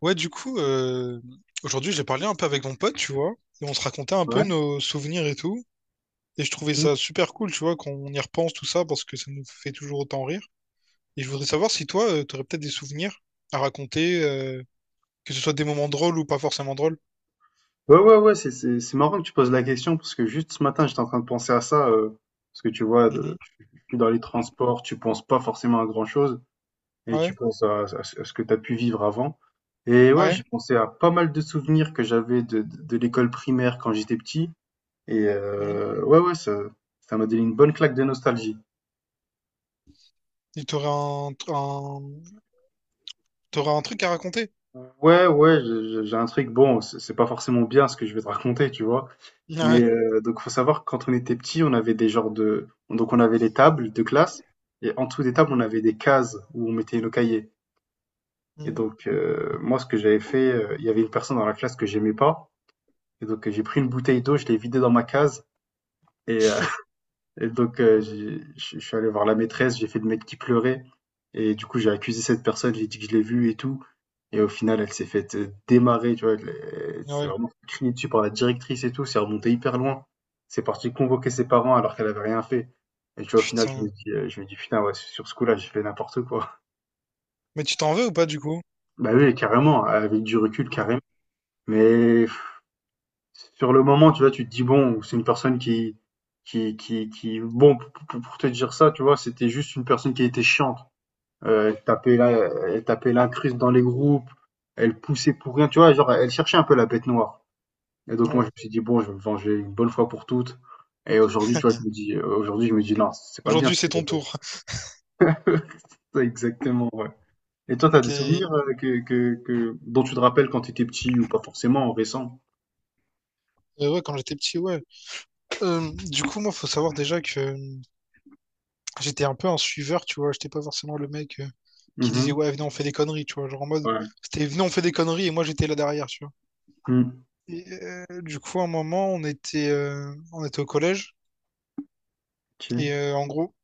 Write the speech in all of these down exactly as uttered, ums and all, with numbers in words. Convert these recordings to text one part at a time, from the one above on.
Ouais, du coup, euh, aujourd'hui, j'ai parlé un peu avec mon pote, tu vois, et on se racontait un peu Ouais. nos souvenirs et tout. Et je trouvais Mmh. ça super cool, tu vois, quand on y repense tout ça, parce que ça nous fait toujours autant rire. Et je voudrais savoir si toi, euh, t'aurais peut-être des souvenirs à raconter, euh, que ce soit des moments drôles ou pas forcément drôles. Ouais, ouais, ouais, c'est c'est c'est marrant que tu poses la question parce que juste ce matin, j'étais en train de penser à ça euh, parce que tu vois, de- Mhm. je suis dans les transports, tu penses pas forcément à grand-chose et Ouais, tu penses à, à ce à ce que tu as pu vivre avant. Et ouais, ouais. j'ai pensé à pas mal de souvenirs que j'avais de, de, de l'école primaire quand j'étais petit et Mhm. euh, ouais, ouais, ça ça m'a donné une bonne claque de nostalgie. Et t'aurais un, un, t'aurais un truc à raconter. Ouais, ouais, je- je- j'ai un truc. Bon, c'est c'est pas forcément bien ce que je vais te raconter, tu vois. Mais euh, donc, faut savoir que quand on était petit, on avait des genres de. Donc, on avait les tables de classe et en dessous des Ouais. tables, Mhm. on avait des cases où on mettait nos cahiers. Et donc, euh, moi, ce que j'avais fait, euh, il y avait une personne dans la classe que j'aimais pas. Et donc, euh, j'ai pris une bouteille d'eau, je l'ai vidée dans ma case et euh, et donc, heu, j'ai je je suis allé voir la maîtresse, j'ai fait le mec qui pleurait et du coup, j'ai accusé cette personne, j'ai dit que je l'ai vue et tout et au final, elle s'est faite, heu, démarrer, tu vois? Elle elle Mhm. s'est Ouais. vraiment fait dessus par la directrice et tout, c'est remonté hyper loin. C'est parti convoquer ses parents alors qu'elle avait rien fait et tu vois, au final, je me Putain. dis, heu, je me dis: «Putain, ouais, sur ce coup-là, j'ai fait n'importe quoi». Mais tu t'en veux ou pas, du coup? Bah oui, carrément, avec du recul, Ouais. carrément. Mais Sur le moment, tu vois, tu te dis: «Bon, c'est une personne qui qui qui qui» bon, p p pour te dire ça, tu vois, c'était juste une personne qui était chiante. Heu, elle tapait la elle tapait l'incruste dans les groupes, elle poussait pour rien, tu vois? Genre, elle cherchait un peu la bête noire et donc moi, Ouais. je me suis dit: «Bon, je vais me venger une bonne fois pour toutes» et aujourd'hui, tu vois, je me dis, euh, aujourd'hui, je me dis: «Non, c'est pas bien Aujourd'hui, ce c'est que ton j'ai fait». tour. Ouais, exactement, ouais et toi, t'as Ok. des Euh, souvenirs, heu, que que que dont tu te rappelles quand t'étais petit ou pas forcément, récents? ouais, quand j'étais petit, ouais. Euh, du coup, moi, faut savoir déjà que euh, j'étais un peu un suiveur, tu vois. J'étais pas forcément le mec euh, qui disait, Mhm. ouais, venez, on fait des conneries, tu vois. Genre en mode, Ouais. c'était, venez, on fait des conneries, et moi, j'étais là derrière, tu vois. Mmh. Et, euh, du coup, à un moment, on était, euh, on était au collège, OK. et euh, en gros,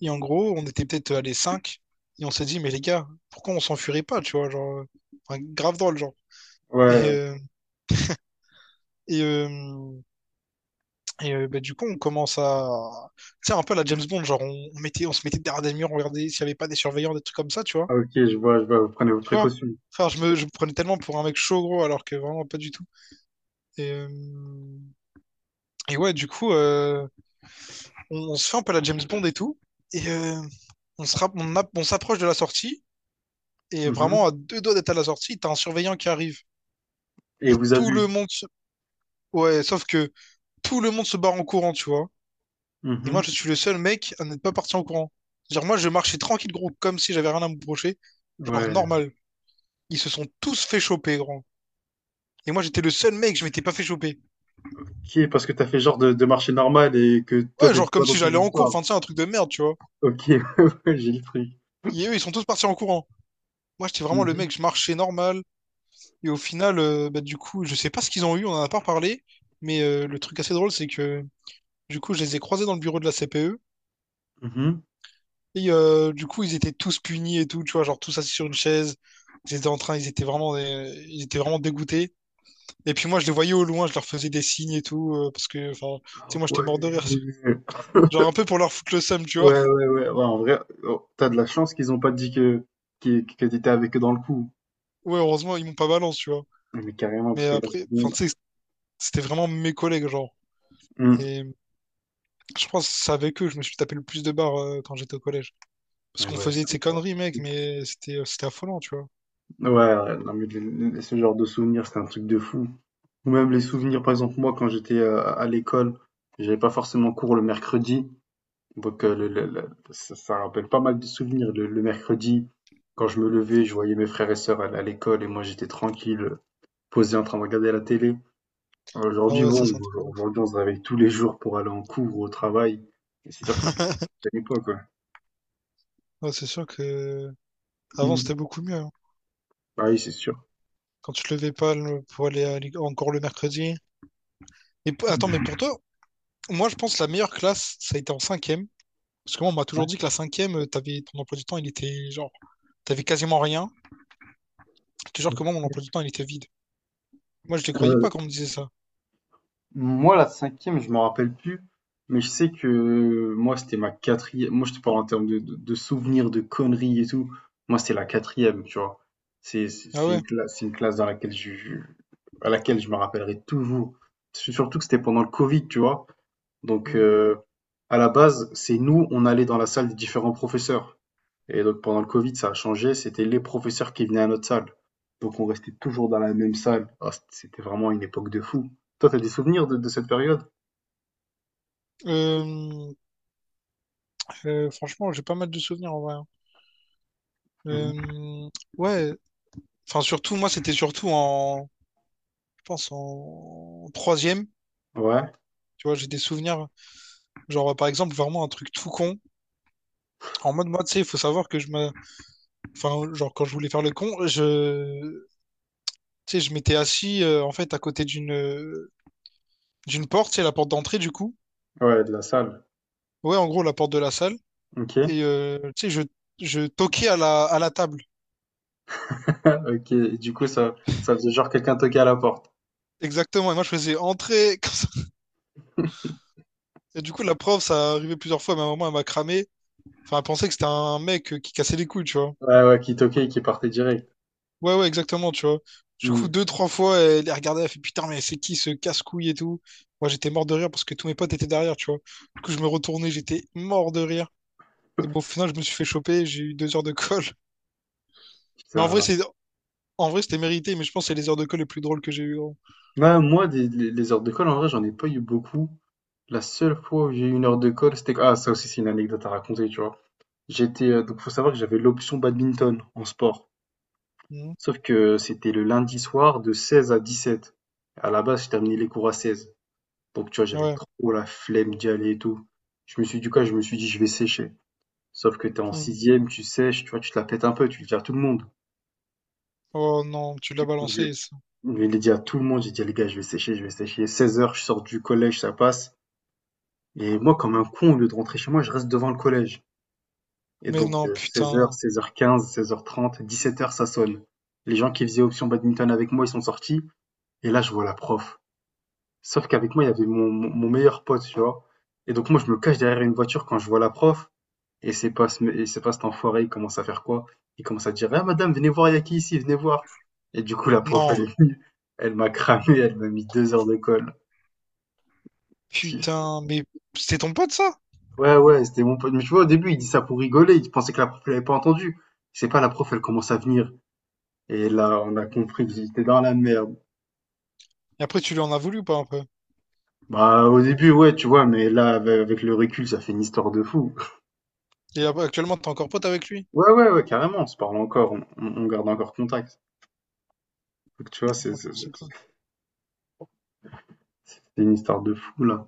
et en gros, on était peut-être à les cinq et on s'est dit, mais les gars, pourquoi on s'enfuirait pas, tu vois, genre, euh, enfin, grave drôle, genre. Et, Ouais, ouais. euh, et, euh, et euh, bah, du coup, on commence à, tu sais, un peu à la James Bond, genre, on, on mettait, on se mettait derrière des murs, on regardait s'il y avait pas des surveillants, des trucs comme ça, tu vois. Ah OK, je vois, je vois, vous prenez vos Tu vois? précautions. Enfin, je me, je me prenais tellement pour un mec chaud, gros, alors que vraiment pas du tout. Et, euh, et ouais, du coup, euh, on, on se fait un peu la James Bond et tout. Et euh, on se rapp- on app- on s'approche de la sortie. Et Mmh, vraiment, à deux doigts d'être à la sortie, t'as un surveillant qui arrive. et Et vous avez tout vu? le monde se... Ouais, sauf que tout le monde se barre en courant, tu vois. Et moi, je Mmh. suis le seul mec à n'être pas parti en courant. Genre, moi, je marchais tranquille, gros, comme si j'avais rien à me reprocher. Genre, Ouais. normal. Ils se sont tous fait choper, gros. Et moi, j'étais le seul mec, je m'étais pas fait choper. OK, parce que t'as fait genre de de marcher normal et que toi, Ouais, t'étais genre pas comme dans si ces j'allais en cours, histoires. enfin, tu sais, un truc de merde, tu vois. OK, ouais, ouais, j'ai le truc. Et eux, ils sont tous partis en courant. Moi, j'étais vraiment Mmh le mh. mec, je marchais normal. Et au final, euh, bah, du coup, je sais pas ce qu'ils ont eu, on en a pas parlé. Mais euh, le truc assez drôle, c'est que du coup, je les ai croisés dans le bureau de la C P E. Mmh. Et euh, du coup, ils étaient tous punis et tout, tu vois, genre tous assis sur une chaise. Ils étaient en train, ils étaient vraiment, euh, ils étaient vraiment dégoûtés. Et puis moi, je les voyais au loin, je leur faisais des signes et tout, euh, parce que, enfin, tu sais, moi, j'étais mort de Ouais. rire. Genre un peu pour leur foutre le seum, tu vois. Ouais, ouais, ouais. Ouais, en vrai, heu, tu de la chance qu'ils ont pas dit que qui que tu avec eux dans le coup. Ouais, heureusement, ils m'ont pas balance, tu vois. Ouais, mais carrément, Mais parce que là, après, enfin, sinon tu sais, c'était vraiment mes collègues, genre. mmh. Et je pense que c'est avec eux que je me suis tapé le plus de barres euh, quand j'étais au collège. Parce Mais ouais, qu'on ouais, faisait c'est de un ces truc conneries, mec, mais c'était euh, c'était affolant, tu vois. ouais, ouais, non mais le le ce genre de souvenir, c'est un truc de fou. Ou même les souvenirs, par exemple, moi, quand j'étais, heu, à l'école, j'avais pas forcément cours le mercredi, donc heu, le le le ça ça rappelle pas mal de souvenirs. Le le mercredi, quand je me levais, je voyais mes frères et sœurs aller à l'école et moi, j'étais tranquille, heu, posé en train de regarder la télé. Ah Aujourd'hui, ouais, ça, bon, c'est un truc de ouf. aujourd'hui, on se réveille tous les jours pour aller en cours ou au travail et c'est sûr que ça rappelle l'époque, quoi. Ouais, c'est sûr que avant, Mmh. c'était beaucoup mieux, hein. Bah oui, c'est sûr. Quand tu te levais pas le- pour aller à l'é- encore le mercredi. Et p- attends, mais Mmh. pour toi, moi, je pense que la meilleure classe, ça a été en cinquième. Parce que moi, on m'a Ouais, toujours dit que la cinquième, euh, t'avais ton emploi du temps, il était genre, t'avais quasiment rien. Je te jure ouais. que moi, mon emploi du temps, il était vide. Moi, je les croyais pas quand on me disait ça. Moi, la cinquième, je m'en rappelle plus, mais je sais que euh, moi, c'était ma quatrième. Moi, je te parle en termes de, de, de souvenirs, de conneries et tout. Moi, c'était la quatrième, tu vois. C'est c'est- Ah c'est une ouais. classe, c'est une classe dans laquelle je, je- à laquelle je me rappellerai toujours. Surtout que c'était pendant le Covid, tu vois. Donc, Mm. euh, à la base, c'est nous, on allait dans la salle des différents professeurs. Et donc, pendant le Covid, ça a changé. C'était les professeurs qui venaient à notre salle. Donc, on restait toujours dans la même salle. Ah, c'était vraiment une époque de fou. Toi, t'as des souvenirs de, de cette période? Euh, Euh, franchement, j'ai pas mal de souvenirs en vrai, hein. Mhm. Euh, ouais, enfin surtout, moi c'était surtout en, je pense en troisième. Ouais, Tu vois, j'ai des souvenirs, genre par exemple vraiment un truc tout con. En mode moi, tu sais, il faut savoir que je me, enfin genre quand je voulais faire le con, je, tu sais, je m'étais assis euh, en fait à côté d'une, euh, d'une porte, c'est la porte d'entrée du coup. ouais, de la salle. Ouais, en gros la porte de la salle. Ok. Et euh, tu sais, je, je toquais à la, à la table. Ok. Et du coup, ça, ça faisait genre quelqu'un toquer à la porte. Exactement. Et moi je faisais entrer. comme ça. Et du coup la prof, ça arrivait plusieurs fois, mais à un moment elle m'a cramé. Enfin, elle pensait que c'était un mec euh, qui cassait les couilles, tu vois. Ouais, ouais, qui toquait et qui partait direct. Ouais, ouais, exactement, tu vois. Du Hmm. coup, deux, trois fois, elle les regardait, elle fait putain, mais c'est qui ce casse-couille et tout. Moi, j'étais mort de rire parce que tous mes potes étaient derrière, tu vois. Du coup, je me retournais, j'étais mort de rire. Et bon, au final, je me suis fait choper, j'ai eu deux heures de colle. Mais en Putain, vrai, c'est, mince. en vrai, c'était mérité, mais je pense que c'est les heures de colle les plus drôles que j'ai eues, gros. Ouais, moi, des- les, les heures d'école, en vrai, j'en ai pas eu beaucoup. La seule fois où j'ai eu une heure de colle, c'était ah ça aussi c'est une anecdote à raconter, tu vois. J'étais euh, Donc faut savoir que j'avais l'option badminton en sport. Mhm. Sauf que c'était le lundi soir de seize à dix-sept. À la base, j'ai terminé les cours à seize. Donc tu vois, j'avais Ouais. trop la flemme d'y aller et tout. Je me suis Du coup, je me suis dit je vais sécher. Sauf que t'es en Mhm. sixième, tu sèches, tu vois, tu te la pètes un peu, tu le dis à tout le monde. Oh non, tu l'as Du coup, je balancé, ça. je l'ai dit à tout le monde, j'ai dit les gars, je vais sécher, je vais sécher. seize heures, je sors du collège, ça passe. Et moi, comme un con, au lieu de rentrer chez moi, je reste devant le collège. Et Mais donc, non, heu, seize heures, putain. seize heures quinze, seize heures trente, dix-sept heures ça sonne. Les gens qui faisaient option badminton avec moi, ils sont sortis et là je vois la prof. Sauf qu'avec moi, il y avait mon mon mon meilleur pote, tu vois? Et donc moi, je me cache derrière une voiture quand je vois la prof et c'est pas ce et c'est pas cet enfoiré, il commence à faire quoi? Il commence à dire: «Ah madame, venez voir, il y a qui ici? Venez voir!» et du coup la prof Non, elle elle m'a cramé, elle m'a mis deux heures de colle. Ti putain, mais c'est ton pote, ça? Ouais, ouais, c'était mon pote mais tu vois, au début, il dit ça pour rigoler, il pensait que la prof, elle avait pas entendu. C'est pas la prof, elle commence à venir. Et là, on a compris que j'étais dans la merde. Et après, tu lui en as voulu ou pas un peu? Bah, au début, ouais, tu vois, mais là, avec avec le recul, ça fait une histoire de fou. Et ab- actuellement, t'es encore pote avec lui? Ouais, ouais, ouais, carrément, on se parle encore, on, on- on garde encore contact. Donc, tu vois, c'est Oh, c'est- c'est- c'est quoi? c'est une histoire de fou, là.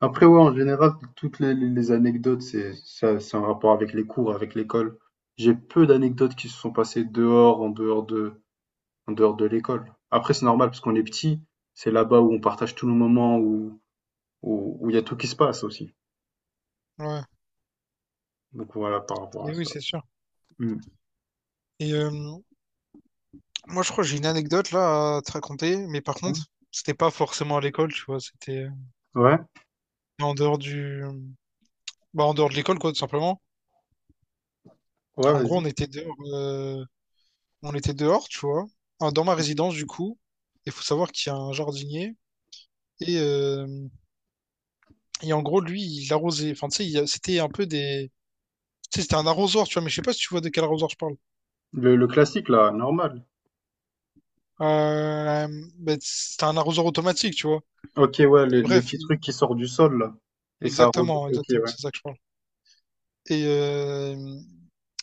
Après, ouais, en général, toutes les, les- les anecdotes, c'est ça, c'est en rapport avec les cours, avec l'école. J'ai peu d'anecdotes qui se sont passées dehors, en dehors de, en dehors de l'école. Après, c'est normal, parce qu'on est petit, c'est là-bas où on partage tous nos moments, où, où, où il y a tout qui se passe aussi. Ouais, Donc, voilà, par rapport à et oui, ça. c'est sûr. Hmm. Et euh, moi, je crois que j'ai une anecdote là à te raconter, mais par Mmh. contre, c'était pas forcément à l'école, tu vois, c'était euh, Ouais, en dehors du... Bah, en dehors de l'école, quoi, tout simplement. ouais, En gros, on vas-y. était dehors, euh, on était dehors, tu vois, ah, dans ma résidence, du coup. Il faut savoir qu'il y a un jardinier. Et euh, Et en gros, lui, il arrosait. Enfin, tu sais, il- c'était un peu des. Tu sais, c'était un arrosoir, tu vois, mais je sais pas si tu vois de quel arrosoir je parle. Le, le classique, là, normal. Euh, ben, c'était un arrosoir automatique, tu vois. Ok, ouais, les, Et les bref, petits il- trucs qui sortent du sol, là. Et ça arrose. exactement, Ok, exactement, ouais. c'est ça que je parle. Et, euh,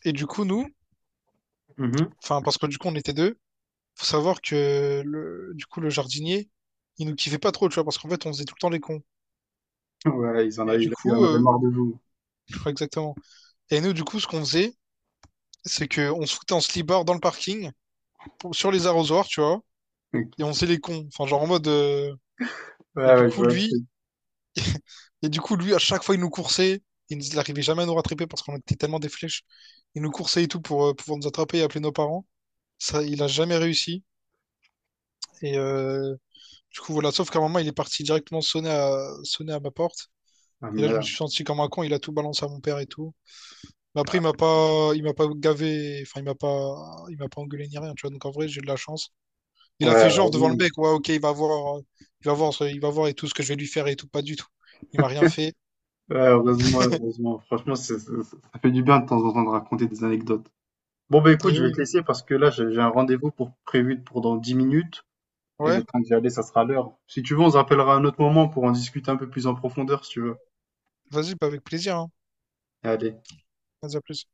et du coup, nous, Mhm. enfin, parce que du coup, on était deux, faut savoir que le, du coup, le jardinier, il nous kiffait pas trop, tu vois, parce qu'en fait, on faisait tout le temps les cons. Ouais, ils en Et du avaient, ils en coup, avaient euh, marre de vous. je crois exactement. Et nous, du coup, ce qu'on faisait, c'est que on se foutait en slibard dans le parking, pour- sur les arrosoirs, tu vois, et on Ok. faisait les cons. Enfin, genre en mode, euh, Et Ouais, du ouais, je coup, vois le truc. lui, et du coup, lui, à chaque fois, il nous coursait. Il nous- il arrivait jamais à nous rattraper parce qu'on était tellement des flèches. Il nous coursait et tout pour euh, pouvoir nous attraper et appeler nos parents. Ça, il a jamais réussi. Et euh, du coup, voilà. Sauf qu'à un moment, il est parti directement sonner à, sonner à ma porte. Ah, Et là, je me merde. suis senti comme un con. Il a tout balancé à mon père et tout. Mais après, il m'a pas, il m'a pas gavé. Enfin, il m'a pas, il m'a pas engueulé ni rien. Tu vois. Donc en vrai, j'ai de la chance. Il a Ouais, fait genre devant le heureusement. mec. Ouais, ok, il va voir, euh, il va voir, ce- il va voir et tout ce que je vais lui faire et tout. Pas du tout. Il m'a rien fait. Ouais, heureusement, heureusement. Franchement, c'est- c'est- ça fait du bien de temps en temps de raconter des anecdotes. Bon, bah écoute, Et je vais te oui. laisser parce que là, j'ai j'ai un rendez-vous pour prévu pour dans dix minutes. Et Ouais. le temps d'y aller, ça sera l'heure. Si tu veux, on se rappellera à un autre moment pour en discuter un peu plus en profondeur, si tu veux. Vas-y, bah, avec plaisir, hein. Allez. Vas-y, à plus.